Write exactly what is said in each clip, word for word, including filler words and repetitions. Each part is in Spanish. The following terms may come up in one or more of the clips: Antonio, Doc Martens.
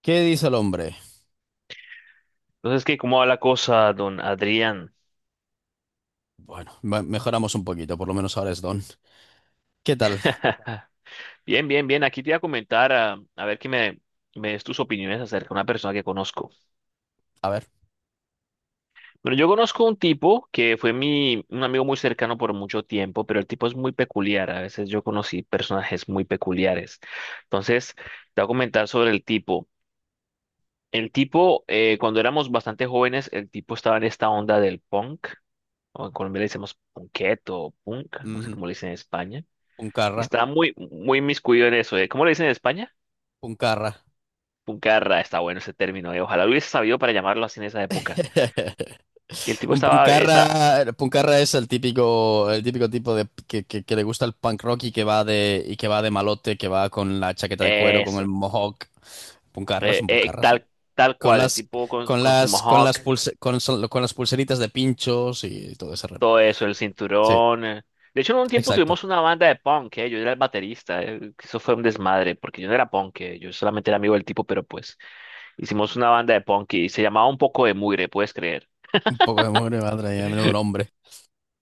¿Qué dice el hombre? Entonces, ¿qué? ¿Cómo va la cosa, don Adrián? Bueno, me- mejoramos un poquito, por lo menos ahora es Don. ¿Qué tal? Bien, bien, bien. Aquí te iba a comentar, a, a ver qué me, me des tus opiniones acerca de una persona que conozco. A ver, Bueno, yo conozco un tipo que fue mi, un amigo muy cercano por mucho tiempo, pero el tipo es muy peculiar. A veces yo conocí personajes muy peculiares. Entonces, te voy a comentar sobre el tipo. El tipo, eh, cuando éramos bastante jóvenes, el tipo estaba en esta onda del punk, o en Colombia le decimos punqueto o punk, no sé ujú, cómo le dicen en España. Puncarra, Está muy, muy inmiscuido en eso, ¿eh? ¿Cómo le dicen en España? Puncarra. Puncarra, está bueno ese término, ¿eh? Ojalá lo hubiese sabido para llamarlo así en esa época. Y el tipo Un estaba, está, puncarra, puncarra es el típico, el típico tipo de que, que- que le gusta el punk rock y que va de y que va de malote, que va con la chaqueta de cuero, con el eso, mohawk. Puncarra, es eh, un eh, puncarras, sí. tal, tal Con cual, el las, tipo con, con con su las, con mohawk, las pulse- con, sol- con las pulseritas de pinchos y todo ese rollo. todo eso, el Sí, cinturón. eh. De hecho, en un tiempo exacto. tuvimos una banda de punk, ¿eh? Yo era el baterista, ¿eh? Que eso fue un desmadre, porque yo no era punk, ¿eh? Yo solamente era amigo del tipo, pero pues hicimos una banda de punk y se llamaba Un poco de mugre, ¿puedes creer? Un poco de mugre madre y a menudo un hombre.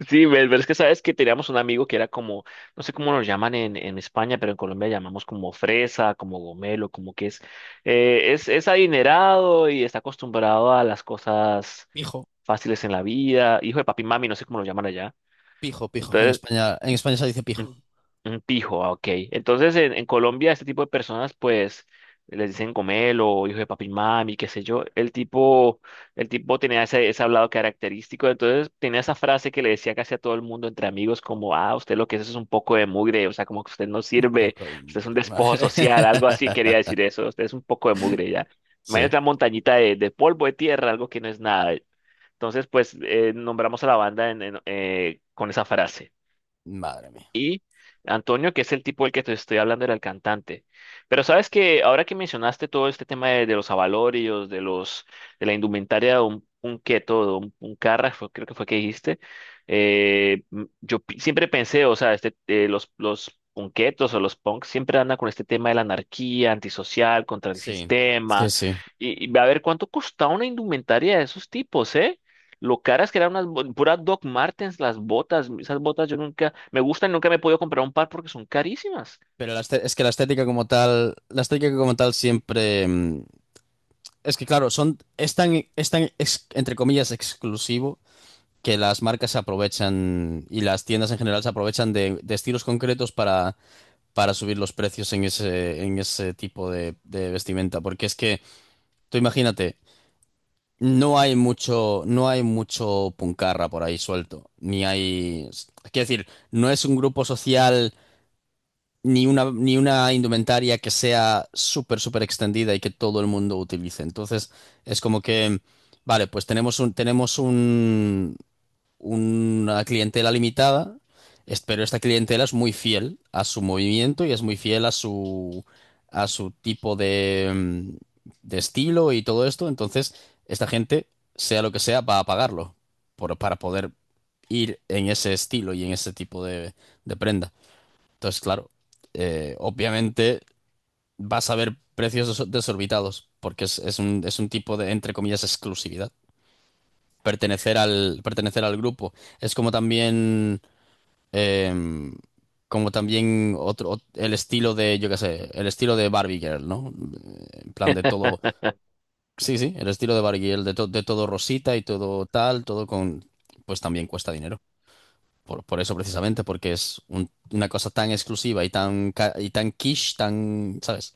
Sí, pero es que sabes que teníamos un amigo que era como, no sé cómo nos llaman en, en, España, pero en Colombia llamamos como fresa, como gomelo, como que es, eh, es, es adinerado y está acostumbrado a las cosas Hijo. fáciles en la vida, hijo de papi y mami, no sé cómo lo llaman allá. Pijo, pijo. En Entonces, España, en España se dice pijo. un, un, pijo, ah, ok. Entonces, en, en Colombia, este tipo de personas, pues, les dicen gomelo, hijo de papi y mami, qué sé yo. El tipo, el tipo tenía ese, ese hablado característico, entonces tenía esa frase que le decía casi a todo el mundo entre amigos, como, ah, usted lo que es es un poco de mugre, o sea, como que usted no sirve, Poca de usted es un mugre. despojo Madre. social, algo así quería decir eso, usted es un poco de mugre ya. Sí. Imagínate una montañita de, de, polvo, de tierra, algo que no es nada. Entonces, pues, eh, nombramos a la banda en- en- eh, con esa frase. Madre mía. Antonio, que es el tipo del que te estoy hablando, era el cantante. Pero sabes que ahora que mencionaste todo este tema de, de, los abalorios, de los, de la indumentaria de un, un keto, de un, un carra, fue- creo que fue que dijiste, eh, m- yo pi- siempre pensé, o sea, este, eh, los, los punketos o los punks siempre andan con este tema de la anarquía, antisocial, contra el Sí, sí, sistema. sí. Y, y a ver cuánto costaba una indumentaria de esos tipos, ¿eh? Lo caras que eran unas bo- puras Doc Martens, las botas, esas botas yo nunca me gustan, y nunca me he podido comprar un par porque son carísimas. Pero la este- es que la estética como tal, la estética como tal siempre... mm, es que claro, son, es tan, es tan ex- entre comillas, exclusivo, que las marcas se aprovechan y las tiendas en general se aprovechan de, de estilos concretos para, para subir los precios en ese, en ese tipo de, de vestimenta. Porque es que, tú imagínate, no hay mucho, no hay mucho puncarra por ahí suelto, ni hay, es decir, no es un grupo social ni una ni una indumentaria que sea súper súper extendida y que todo el mundo utilice. Entonces, es como que, vale, pues tenemos un tenemos una clientela limitada, es- pero esta clientela es muy fiel a su movimiento y es muy fiel a su, a su tipo de, mm, de estilo y todo esto. Entonces, esta gente, sea lo que sea, va a pagarlo por- para poder ir en ese estilo y en ese tipo de, de prenda. Entonces, claro, eh, obviamente vas a ver precios des- desorbitados porque es, es un, es un tipo de, entre comillas, exclusividad pertenecer al, pertenecer al grupo. Es como también, em, como también otro, ot- el estilo de, yo qué sé, el estilo de Barbie Girl, ¿no? En plan de todo, sí, sí, el estilo de Barbie Girl, de, to- de todo rosita y todo tal, todo con, pues también cuesta dinero. Por, por eso precisamente, porque es un- una cosa tan exclusiva y tan, ca- y tan quiche, tan, ¿sabes?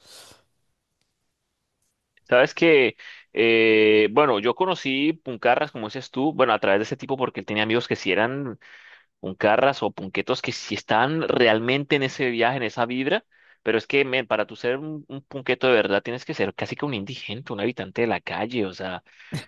Sabes que, eh, bueno, yo conocí Puncarras, como dices tú, bueno, a través de ese tipo porque él tenía amigos que sí eran Puncarras o punquetos que sí están realmente en ese viaje, en esa vibra, pero es que, men, para tú ser un, un punqueto de verdad tienes que ser casi que un indigente, un habitante de la calle, o sea,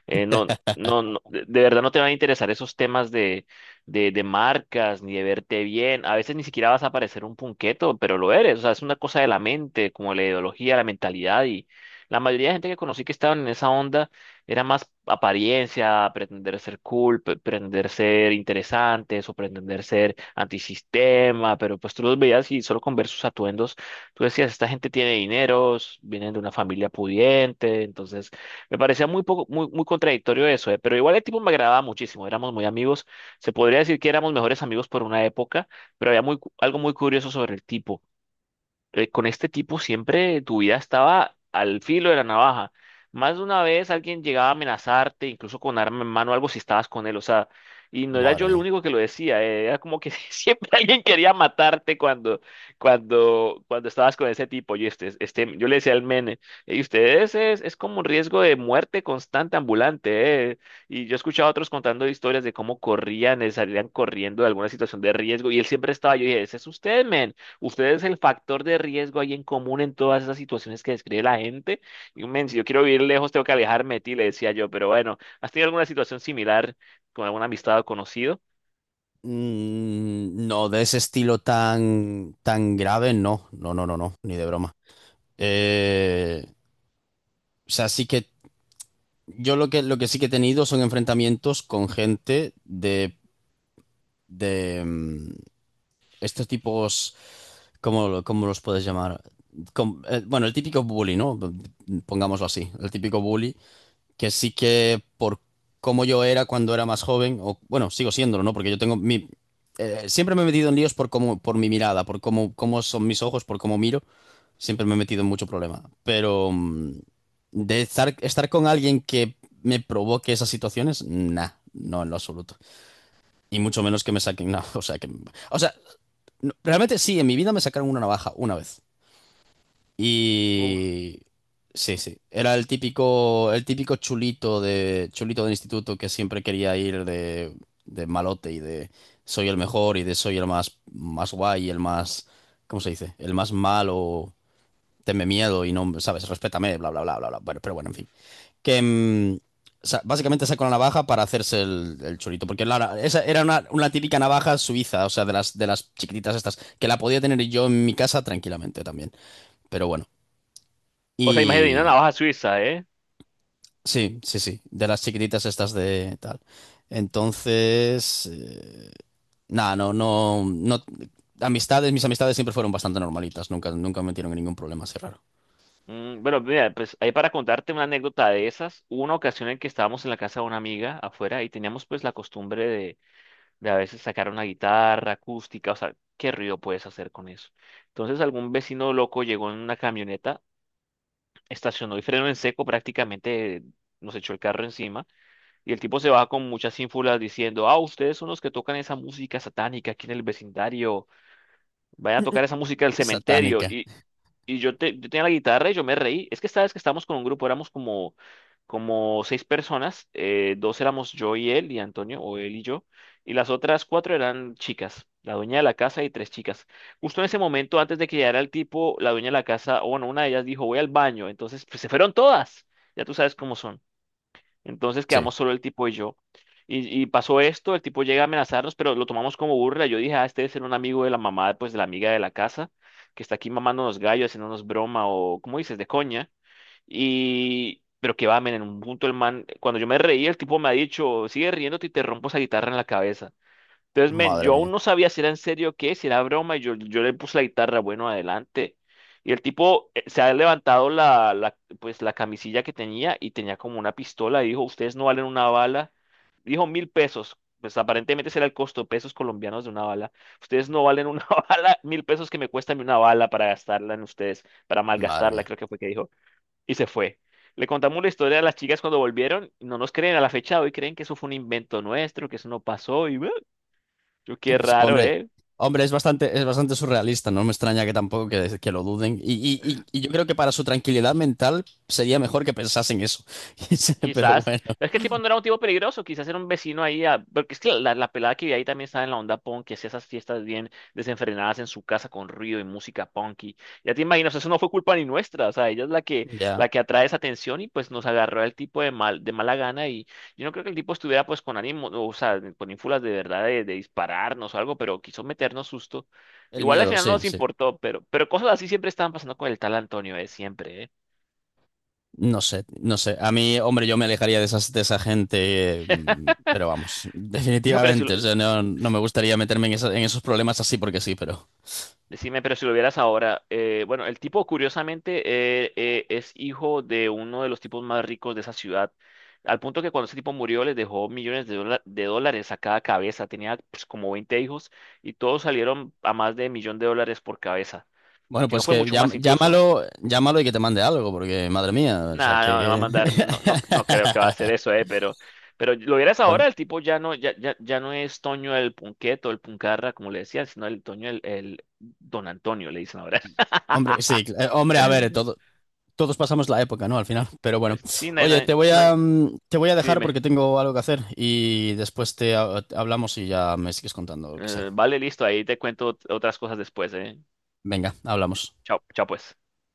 eh, no, no, no, de de verdad no te van a interesar esos temas de, de, de marcas, ni de verte bien, a veces ni siquiera vas a parecer un punqueto, pero lo eres, o sea, es una cosa de la mente, como la ideología, la mentalidad, y la mayoría de gente que conocí que estaban en esa onda era más apariencia, pretender ser cool, pe- pretender ser interesantes o pretender ser antisistema, pero pues tú los veías y solo con ver sus atuendos, tú decías, esta gente tiene dineros, vienen de una familia pudiente, entonces me parecía muy poco, muy, muy contradictorio eso, eh, pero igual el tipo me agradaba muchísimo, éramos muy amigos, se podría decir que éramos mejores amigos por una época, pero había muy, cu- algo muy curioso sobre el tipo. Eh, con este tipo siempre tu vida estaba al filo de la navaja. Más de una vez alguien llegaba a amenazarte, incluso con arma en mano, algo si estabas con él, o sea, y no era Madre yo el mía. único que lo decía, eh, era como que siempre alguien quería matarte cuando, cuando, cuando estabas con ese tipo. Yo, este, este, yo le decía al mene, y ustedes es, es, como un riesgo de muerte constante ambulante, eh". Y yo escuchaba a otros contando historias de cómo corrían, eh, salían corriendo de alguna situación de riesgo, y él siempre estaba, yo dije, ese es usted, men. Ustedes el factor de riesgo ahí en común en todas esas situaciones que describe la gente. Y, men, si yo quiero vivir lejos, tengo que alejarme de ti, le decía yo. Pero bueno, ¿has tenido alguna situación similar con alguna amistad o conocido? Mm, No, de ese estilo tan, tan grave, no, no, no, no, no, ni de broma. Eh, o sea, sí que yo lo que, lo que sí que he tenido son enfrentamientos con gente de, de mm, estos tipos, ¿cómo, lo- cómo los puedes llamar? Com- eh, bueno, el típico bully, ¿no? Pongámoslo así, el típico bully que sí que por cómo yo era cuando era más joven, o bueno, sigo siéndolo, ¿no? Porque yo tengo mi... eh, siempre me he metido en líos por cómo, por mi mirada, por cómo, cómo son mis ojos, por cómo miro. Siempre me he metido en mucho problema. Pero mm, de estar, estar con alguien que me provoque esas situaciones, nah, no en lo absoluto. Y mucho menos que me saquen una... O sea, que, o sea, no, realmente sí, en mi vida me sacaron una navaja una vez. Uf. Y sí, sí, era el típico, el típico chulito de, chulito del instituto que siempre quería ir de, de malote y de soy el mejor y de soy el más, más guay y el más, ¿cómo se dice? El más malo, tenme miedo y no, ¿sabes? Respétame, bla, bla, bla, bla, bla. Bueno, pero bueno, en fin. Que mm, sa- básicamente sacó la navaja para hacerse el, el chulito, porque la- esa era una, una típica navaja suiza, o sea, de las, de las chiquititas estas, que la podía tener yo en mi casa tranquilamente también. Pero bueno. O sea, imagínate una Y navaja suiza, ¿eh? sí, sí, sí, de las chiquititas estas de tal. Entonces, eh, nada, no, no, no. Amistades, mis amistades siempre fueron bastante normalitas, nunca, nunca me metieron en ningún problema así raro. Mm, bueno, mira, pues ahí para contarte una anécdota de esas, hubo una ocasión en que estábamos en la casa de una amiga afuera y teníamos pues la costumbre de, de, a veces sacar una guitarra acústica, o sea, ¿qué ruido puedes hacer con eso? Entonces algún vecino loco llegó en una camioneta, estacionó y frenó en seco, prácticamente nos echó el carro encima. Y el tipo se baja con muchas ínfulas diciendo, ah, ustedes son los que tocan esa música satánica aquí en el vecindario, vayan a tocar esa música del cementerio. Satánica, Y, y yo, te- yo tenía la guitarra y yo me reí. Es que esta vez que estábamos con un grupo, éramos como, como seis personas. Eh, dos éramos yo y él y Antonio, o él y yo. Y las otras cuatro eran chicas. La dueña de la casa y tres chicas. Justo en ese momento, antes de que llegara el tipo, la dueña de la casa, o bueno, una de ellas dijo, voy al baño. Entonces, pues se fueron todas. Ya tú sabes cómo son. Entonces sí, quedamos solo el tipo y yo. Y, y pasó esto, el tipo llega a amenazarnos, pero lo tomamos como burla. Yo dije, ah, este debe ser un amigo de la mamá, pues de la amiga de la casa, que está aquí mamándonos gallos, haciéndonos broma o, ¿cómo dices?, de coña. Y, pero que va, men, en un punto el man, cuando yo me reí, el tipo me ha dicho, sigue riéndote y te rompo esa guitarra en la cabeza. Entonces, men, madre yo aún mía, no sabía si era en serio o qué, si era broma, y yo, yo, le puse la guitarra, bueno, adelante. Y el tipo, eh, se ha levantado la, la, pues, la camisilla que tenía y tenía como una pistola, y dijo, ustedes no valen una bala. Dijo mil pesos, pues aparentemente ese era el costo, pesos colombianos de una bala. Ustedes no valen una bala, mil pesos que me cuesta a mí una bala para gastarla en ustedes, para madre malgastarla, mía. creo que fue que dijo. Y se fue. Le contamos la historia a las chicas cuando volvieron, y no nos creen a la fecha de hoy, creen que eso fue un invento nuestro, que eso no pasó, y... Yo, qué Pues, raro, hombre, ¿eh? hombre, es bastante, es bastante surrealista, no me extraña que tampoco que, que lo duden. Y, y, y, y yo creo que para su tranquilidad mental sería mejor que pensasen eso. Pero Quizás. bueno, Es que el tipo no era un tipo peligroso, quizás era un vecino ahí. a- Porque es que la, la, pelada que vi ahí también estaba en la onda punk, que hacía esas fiestas bien desenfrenadas en su casa con ruido y música punky. Ya te imaginas, eso no fue culpa ni nuestra. O sea, ella es la que, ya, la que atrae esa atención y pues nos agarró el tipo de mal, de mala gana. Y yo no creo que el tipo estuviera pues con ánimo, o sea, con ínfulas de verdad de, de, dispararnos o algo, pero quiso meternos susto. el Igual al miedo, final no sí, nos sí. importó, pero, pero cosas así siempre estaban pasando con el tal Antonio, ¿eh? Siempre, ¿eh? No sé, no sé. A mí, hombre, yo me alejaría de esas, de esa gente, eh, mm, pero vamos, Dijo, pero si lo- definitivamente. O sea, no, no me gustaría meterme en, esa- en esos problemas así porque sí, pero. Decime, pero si lo vieras ahora, eh, bueno, el tipo curiosamente, eh, eh, es hijo de uno de los tipos más ricos de esa ciudad, al punto que cuando ese tipo murió les dejó millones de, dola- de dólares a cada cabeza, tenía pues, como veinte hijos y todos salieron a más de millón de dólares por cabeza, Bueno, si no pues fue que mucho llam- más incluso. llámalo, llámalo y que te mande algo, porque madre mía, o sea, Nada, no, no va a que. mandar, no, no, no creo que va a hacer eso, eh, pero, pero, lo vieras Bueno, ahora, el tipo ya no, ya, ya, ya no es Toño el Punqueto, el Puncarra, como le decían, sino el Toño el, el Don Antonio, le dicen ahora. hombre, sí, cl- eh, hombre, a ver, todo- todos pasamos la época, ¿no? Al final, pero bueno. Sí, no hay- no Oye, te hay- voy no a, hay- mm, te voy a sí, dejar dime. porque tengo algo que hacer y después te ha- hablamos y ya me sigues contando lo que sea. Eh, vale, listo, ahí te cuento ot- otras cosas después, ¿eh? Venga, hablamos. Chao, chao pues.